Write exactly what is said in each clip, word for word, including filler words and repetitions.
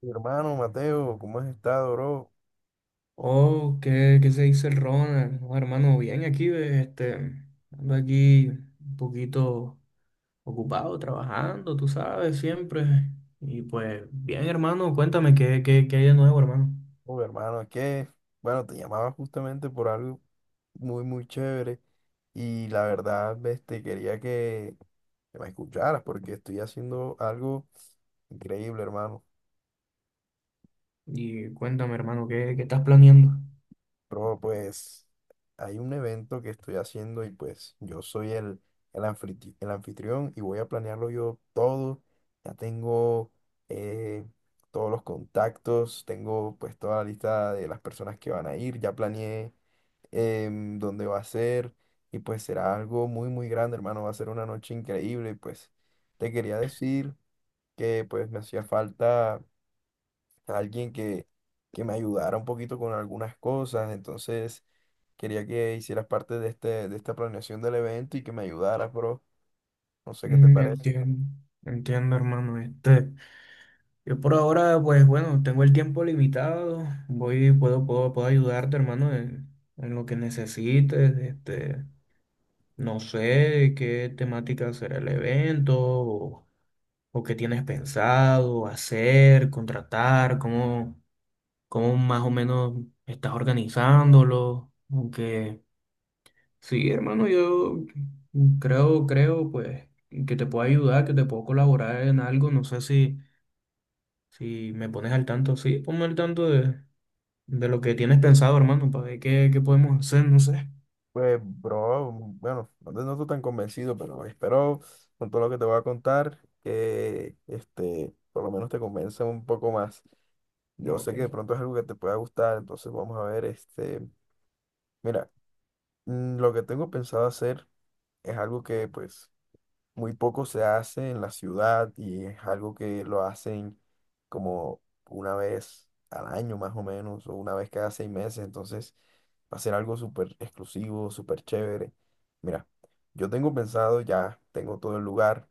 Mi hermano Mateo, ¿cómo has estado, bro? Oh, ¿qué, qué se dice el Ronald? Oh, hermano, bien aquí, ve, este, ando aquí un poquito ocupado, trabajando, tú sabes, siempre. Y pues, bien, hermano, cuéntame qué, qué, qué hay de nuevo, hermano. Oh, hermano, ¿qué? Bueno, te llamaba justamente por algo muy, muy chévere y la verdad, este, quería que, que me escucharas porque estoy haciendo algo increíble, hermano. Y cuéntame, hermano, qué, qué estás planeando. Bro, pues hay un evento que estoy haciendo y pues yo soy el, el, anfitri- el anfitrión y voy a planearlo yo todo. Ya tengo eh, todos los contactos, tengo pues toda la lista de las personas que van a ir, ya planeé em, dónde va a ser y pues será algo muy muy grande, hermano, va a ser una noche increíble y pues te quería decir que pues me hacía falta alguien que, que me ayudara un poquito con algunas cosas. Entonces quería que hicieras parte de este, de esta planeación del evento y que me ayudaras, bro. No sé qué te Mm, parece. Entiendo, entiendo, hermano. Este, yo por ahora, pues bueno, tengo el tiempo limitado. Voy, puedo, puedo, puedo ayudarte, hermano, en, en lo que necesites, este. No sé qué temática será el evento o, o qué tienes pensado hacer, contratar, cómo, cómo más o menos estás organizándolo. Aunque sí, hermano, yo creo, creo, pues, que te puedo ayudar, que te puedo colaborar en algo. No sé si, si me pones al tanto. Sí, ponme al tanto de, de lo que tienes pensado, hermano, para ver qué, qué podemos hacer, no sé. Pues, bro, mm, bueno, no te noto tan convencido, pero espero con todo lo que te voy a contar que este, por lo menos te convenza un poco más. Yo Ok. sé que de pronto es algo que te pueda gustar, entonces vamos a ver. Este, mira, mm, lo que tengo pensado hacer es algo que pues muy poco se hace en la ciudad, y es algo que lo hacen como una vez al año más o menos, o una vez cada seis meses. Entonces va a ser algo súper exclusivo, súper chévere. Mira, yo tengo pensado, ya tengo todo el lugar,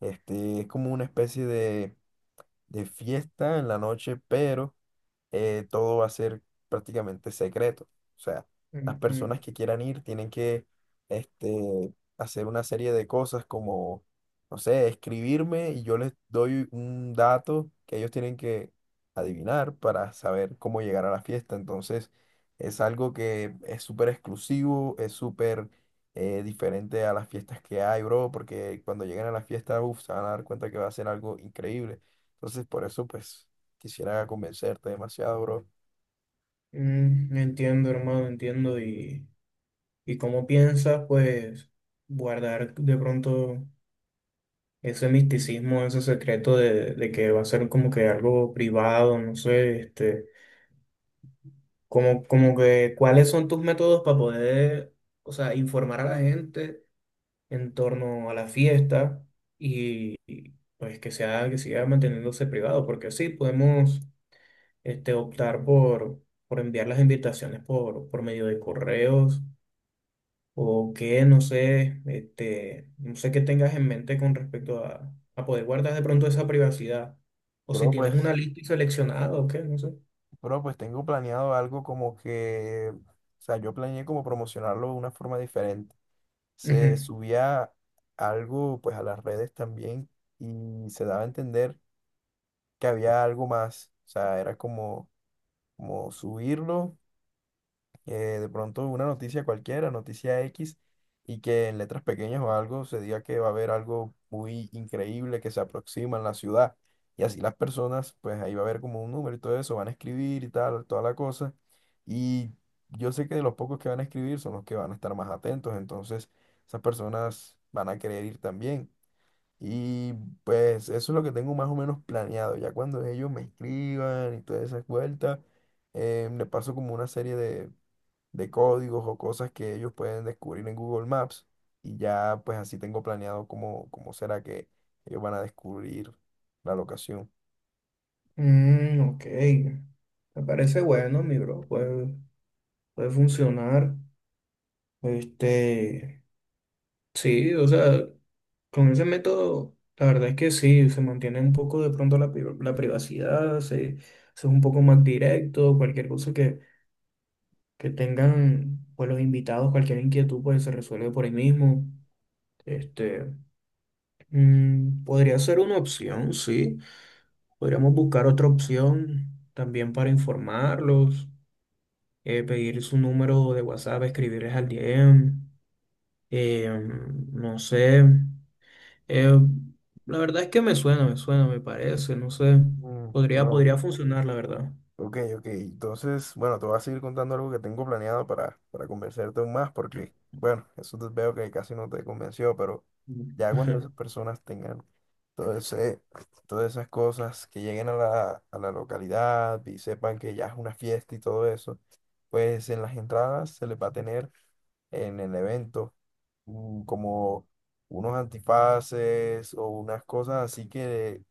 este es como una especie de, de fiesta en la noche, pero eh, todo va a ser prácticamente secreto. O sea, las Ujú. personas que quieran ir tienen que este, hacer una serie de cosas como, no sé, escribirme, y yo les doy un dato que ellos tienen que adivinar para saber cómo llegar a la fiesta. Entonces es algo que es súper exclusivo, es súper... eh, diferente a las fiestas que hay, bro, porque cuando lleguen a la fiesta, uf, se van a dar cuenta que va a ser algo increíble. Entonces, por eso, pues, quisiera convencerte demasiado, bro. Mm, entiendo, hermano, entiendo. Y... ¿Y cómo piensas, pues, guardar de pronto ese misticismo, ese secreto de, de que va a ser como que algo privado, no sé, este, como, como que, ¿cuáles son tus métodos para poder, o sea, informar a la gente en torno a la fiesta y, y, pues que sea, que siga manteniéndose privado? Porque sí, podemos, este, optar por, por enviar las invitaciones por, por medio de correos o qué, no sé, este, no sé qué tengas en mente con respecto a, a poder guardar de pronto esa privacidad, o si Bro, tienes una pues, lista y seleccionada o qué, no sé. bro, pues tengo planeado algo como que, o sea, yo planeé como promocionarlo de una forma diferente. Se Ujú. subía algo, pues, a las redes también, y se daba a entender que había algo más. O sea, era como, como subirlo. Que de pronto una noticia cualquiera, noticia X, y que en letras pequeñas o algo se diga que va a haber algo muy increíble que se aproxima en la ciudad. Y así las personas, pues ahí va a haber como un número y todo eso, van a escribir y tal, toda la cosa. Y yo sé que de los pocos que van a escribir son los que van a estar más atentos, entonces esas personas van a querer ir también. Y pues eso es lo que tengo más o menos planeado. Ya cuando ellos me escriban y todas esas vueltas, eh, le paso como una serie de, de códigos o cosas que ellos pueden descubrir en Google Maps, y ya pues así tengo planeado cómo, cómo será que ellos van a descubrir la locación. Mm, ok, me parece bueno, mi bro, puede, puede funcionar. Este, sí, o sea, con ese método, la verdad es que sí, se mantiene un poco de pronto la, pri- la privacidad, se, se es un poco más directo, cualquier cosa que tengan pues los invitados cualquier inquietud pues se resuelve por ahí mismo. Este, mm, podría ser una opción, sí. Podríamos buscar otra opción también para informarlos, eh, pedir su número de WhatsApp, escribirles al D M, eh, no sé. Eh, la verdad es que me suena, me suena, me parece, no sé. Mm, Podría, pero podría funcionar, la verdad. ok, ok. Entonces, bueno, te voy a seguir contando algo que tengo planeado para, para convencerte aún más, porque, bueno, eso te veo que casi no te convenció, pero ya cuando esas personas tengan todo ese- todas esas cosas, que lleguen a la, a la localidad y sepan que ya es una fiesta y todo eso, pues en las entradas se les va a tener en el evento, mm, como unos antifaces o unas cosas así, que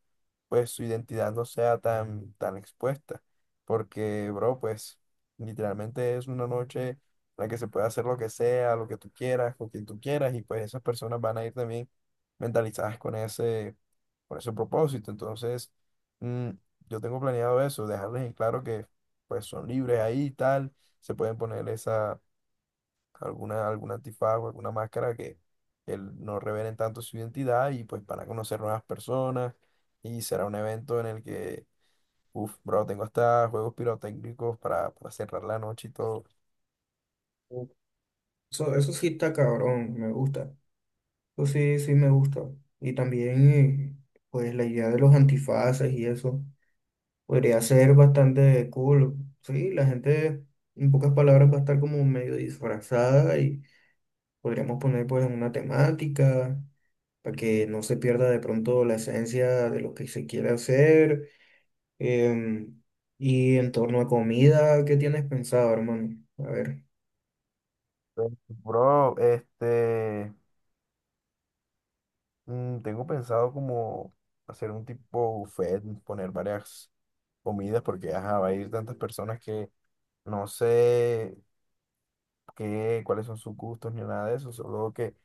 pues su identidad no sea tan, tan expuesta. Porque, bro, pues literalmente es una noche en la que se puede hacer lo que sea, lo que tú quieras, con quien tú quieras, y pues esas personas van a ir también mentalizadas con ese, con ese propósito. Entonces, mm, yo tengo planeado eso, dejarles en claro que pues son libres ahí y tal, se pueden poner esa alguna, algún antifago, alguna máscara que, que no revelen tanto su identidad, y pues para conocer nuevas personas. Y será un evento en el que, uff, bro, tengo hasta juegos pirotécnicos para, para cerrar la noche y todo. Eso, eso sí está cabrón, me gusta. Pues sí, sí me gusta. Y también, eh, pues la idea de los antifaces y eso podría ser bastante cool. Sí, la gente, en pocas palabras, va a estar como medio disfrazada y podríamos poner pues una temática para que no se pierda de pronto la esencia de lo que se quiere hacer. Em, y en torno a comida, ¿qué tienes pensado, hermano? A ver. Pues, bro, este, mm, tengo pensado como hacer un tipo buffet, poner varias comidas, porque ajá, va a ir tantas personas que no sé qué, cuáles son sus gustos ni nada de eso, solo que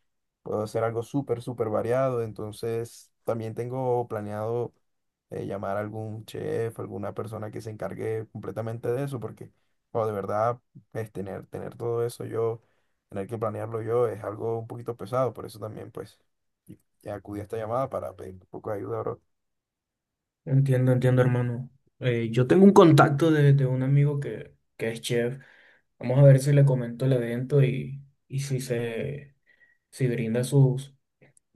puedo hacer algo súper, súper variado. Entonces, también tengo planeado eh, llamar a algún chef, alguna persona que se encargue completamente de eso, porque, o de verdad, es tener, tener todo eso yo, tener que planearlo yo, es algo un poquito pesado. Por eso también, pues, y- y acudí a esta llamada para pedir un poco de ayuda, bro. Entiendo, entiendo, hermano. Eh, yo tengo un contacto de, de un amigo que, que es chef. Vamos a ver si le comento el evento y, y si se si brinda sus,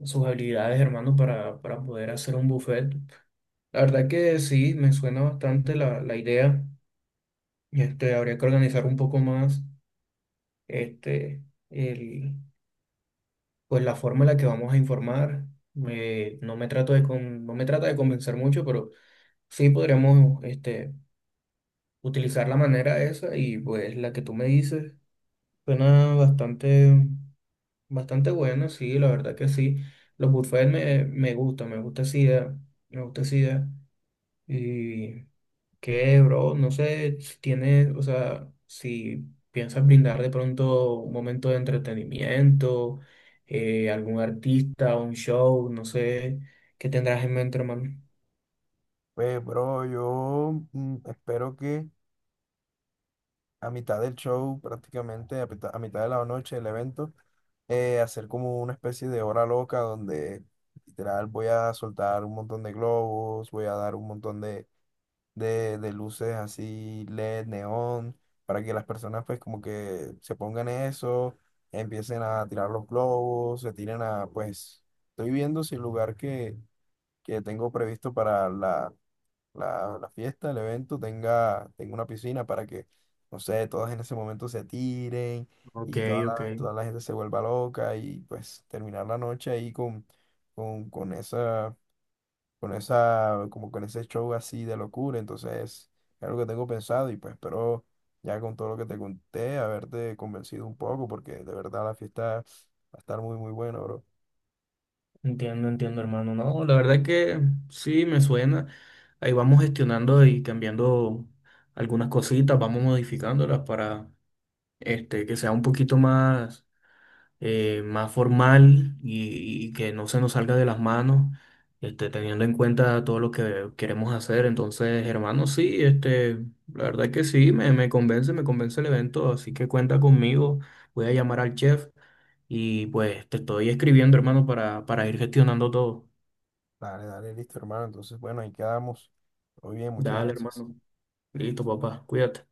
sus habilidades, hermano, para, para poder hacer un buffet. La verdad que sí, me suena bastante la, la idea. Este, habría que organizar un poco más este, el, pues la forma en la que vamos a informar. Me- no me trato de con- no me trata de convencer mucho, pero sí podríamos este, utilizar la manera esa y pues la que tú me dices suena bastante, bastante buena sí, la verdad que sí. Los buffets me, me gustan, me gusta esa idea, me gusta esa idea. Y qué, bro, no sé si tienes, o sea, si piensas brindar de pronto un momento de entretenimiento, eh, algún artista, un show, no sé, ¿qué tendrás en mente, hermano? Pues, bro, yo, mm, espero que a mitad del show, prácticamente a, pita- a mitad de la noche del evento, eh, hacer como una especie de hora loca donde literal voy a soltar un montón de globos, voy a dar un montón de, de, de luces así L E D, neón, para que las personas pues como que se pongan eso, empiecen a tirar los globos, se tiren a pues, estoy viendo si el lugar que, que tengo previsto para la la, la fiesta, el evento tenga, tenga una piscina para que, no sé, todas en ese momento se tiren, Ok, y toda ok. la, toda la gente se vuelva loca, y pues terminar la noche ahí con, con, con esa, con esa, como con ese show así de locura. Entonces es algo que tengo pensado, y pues espero ya con todo lo que te conté haberte convencido un poco, porque de verdad la fiesta va a estar muy, muy buena, bro. Entiendo, entiendo, hermano. No, la verdad que sí, me suena. Ahí vamos gestionando y cambiando algunas cositas, vamos modificándolas para este, que sea un poquito más eh, más formal y, y que no se nos salga de las manos, este, teniendo en cuenta todo lo que queremos hacer. Entonces, hermano, sí, este, la verdad es que sí, me, me convence, me convence el evento, así que cuenta conmigo, voy a llamar al chef y pues te estoy escribiendo, hermano, para, para ir gestionando todo. Dale, dale, listo, hermano. Entonces, bueno, ahí quedamos. Muy bien, muchas Dale, gracias. hermano. Listo, papá, cuídate.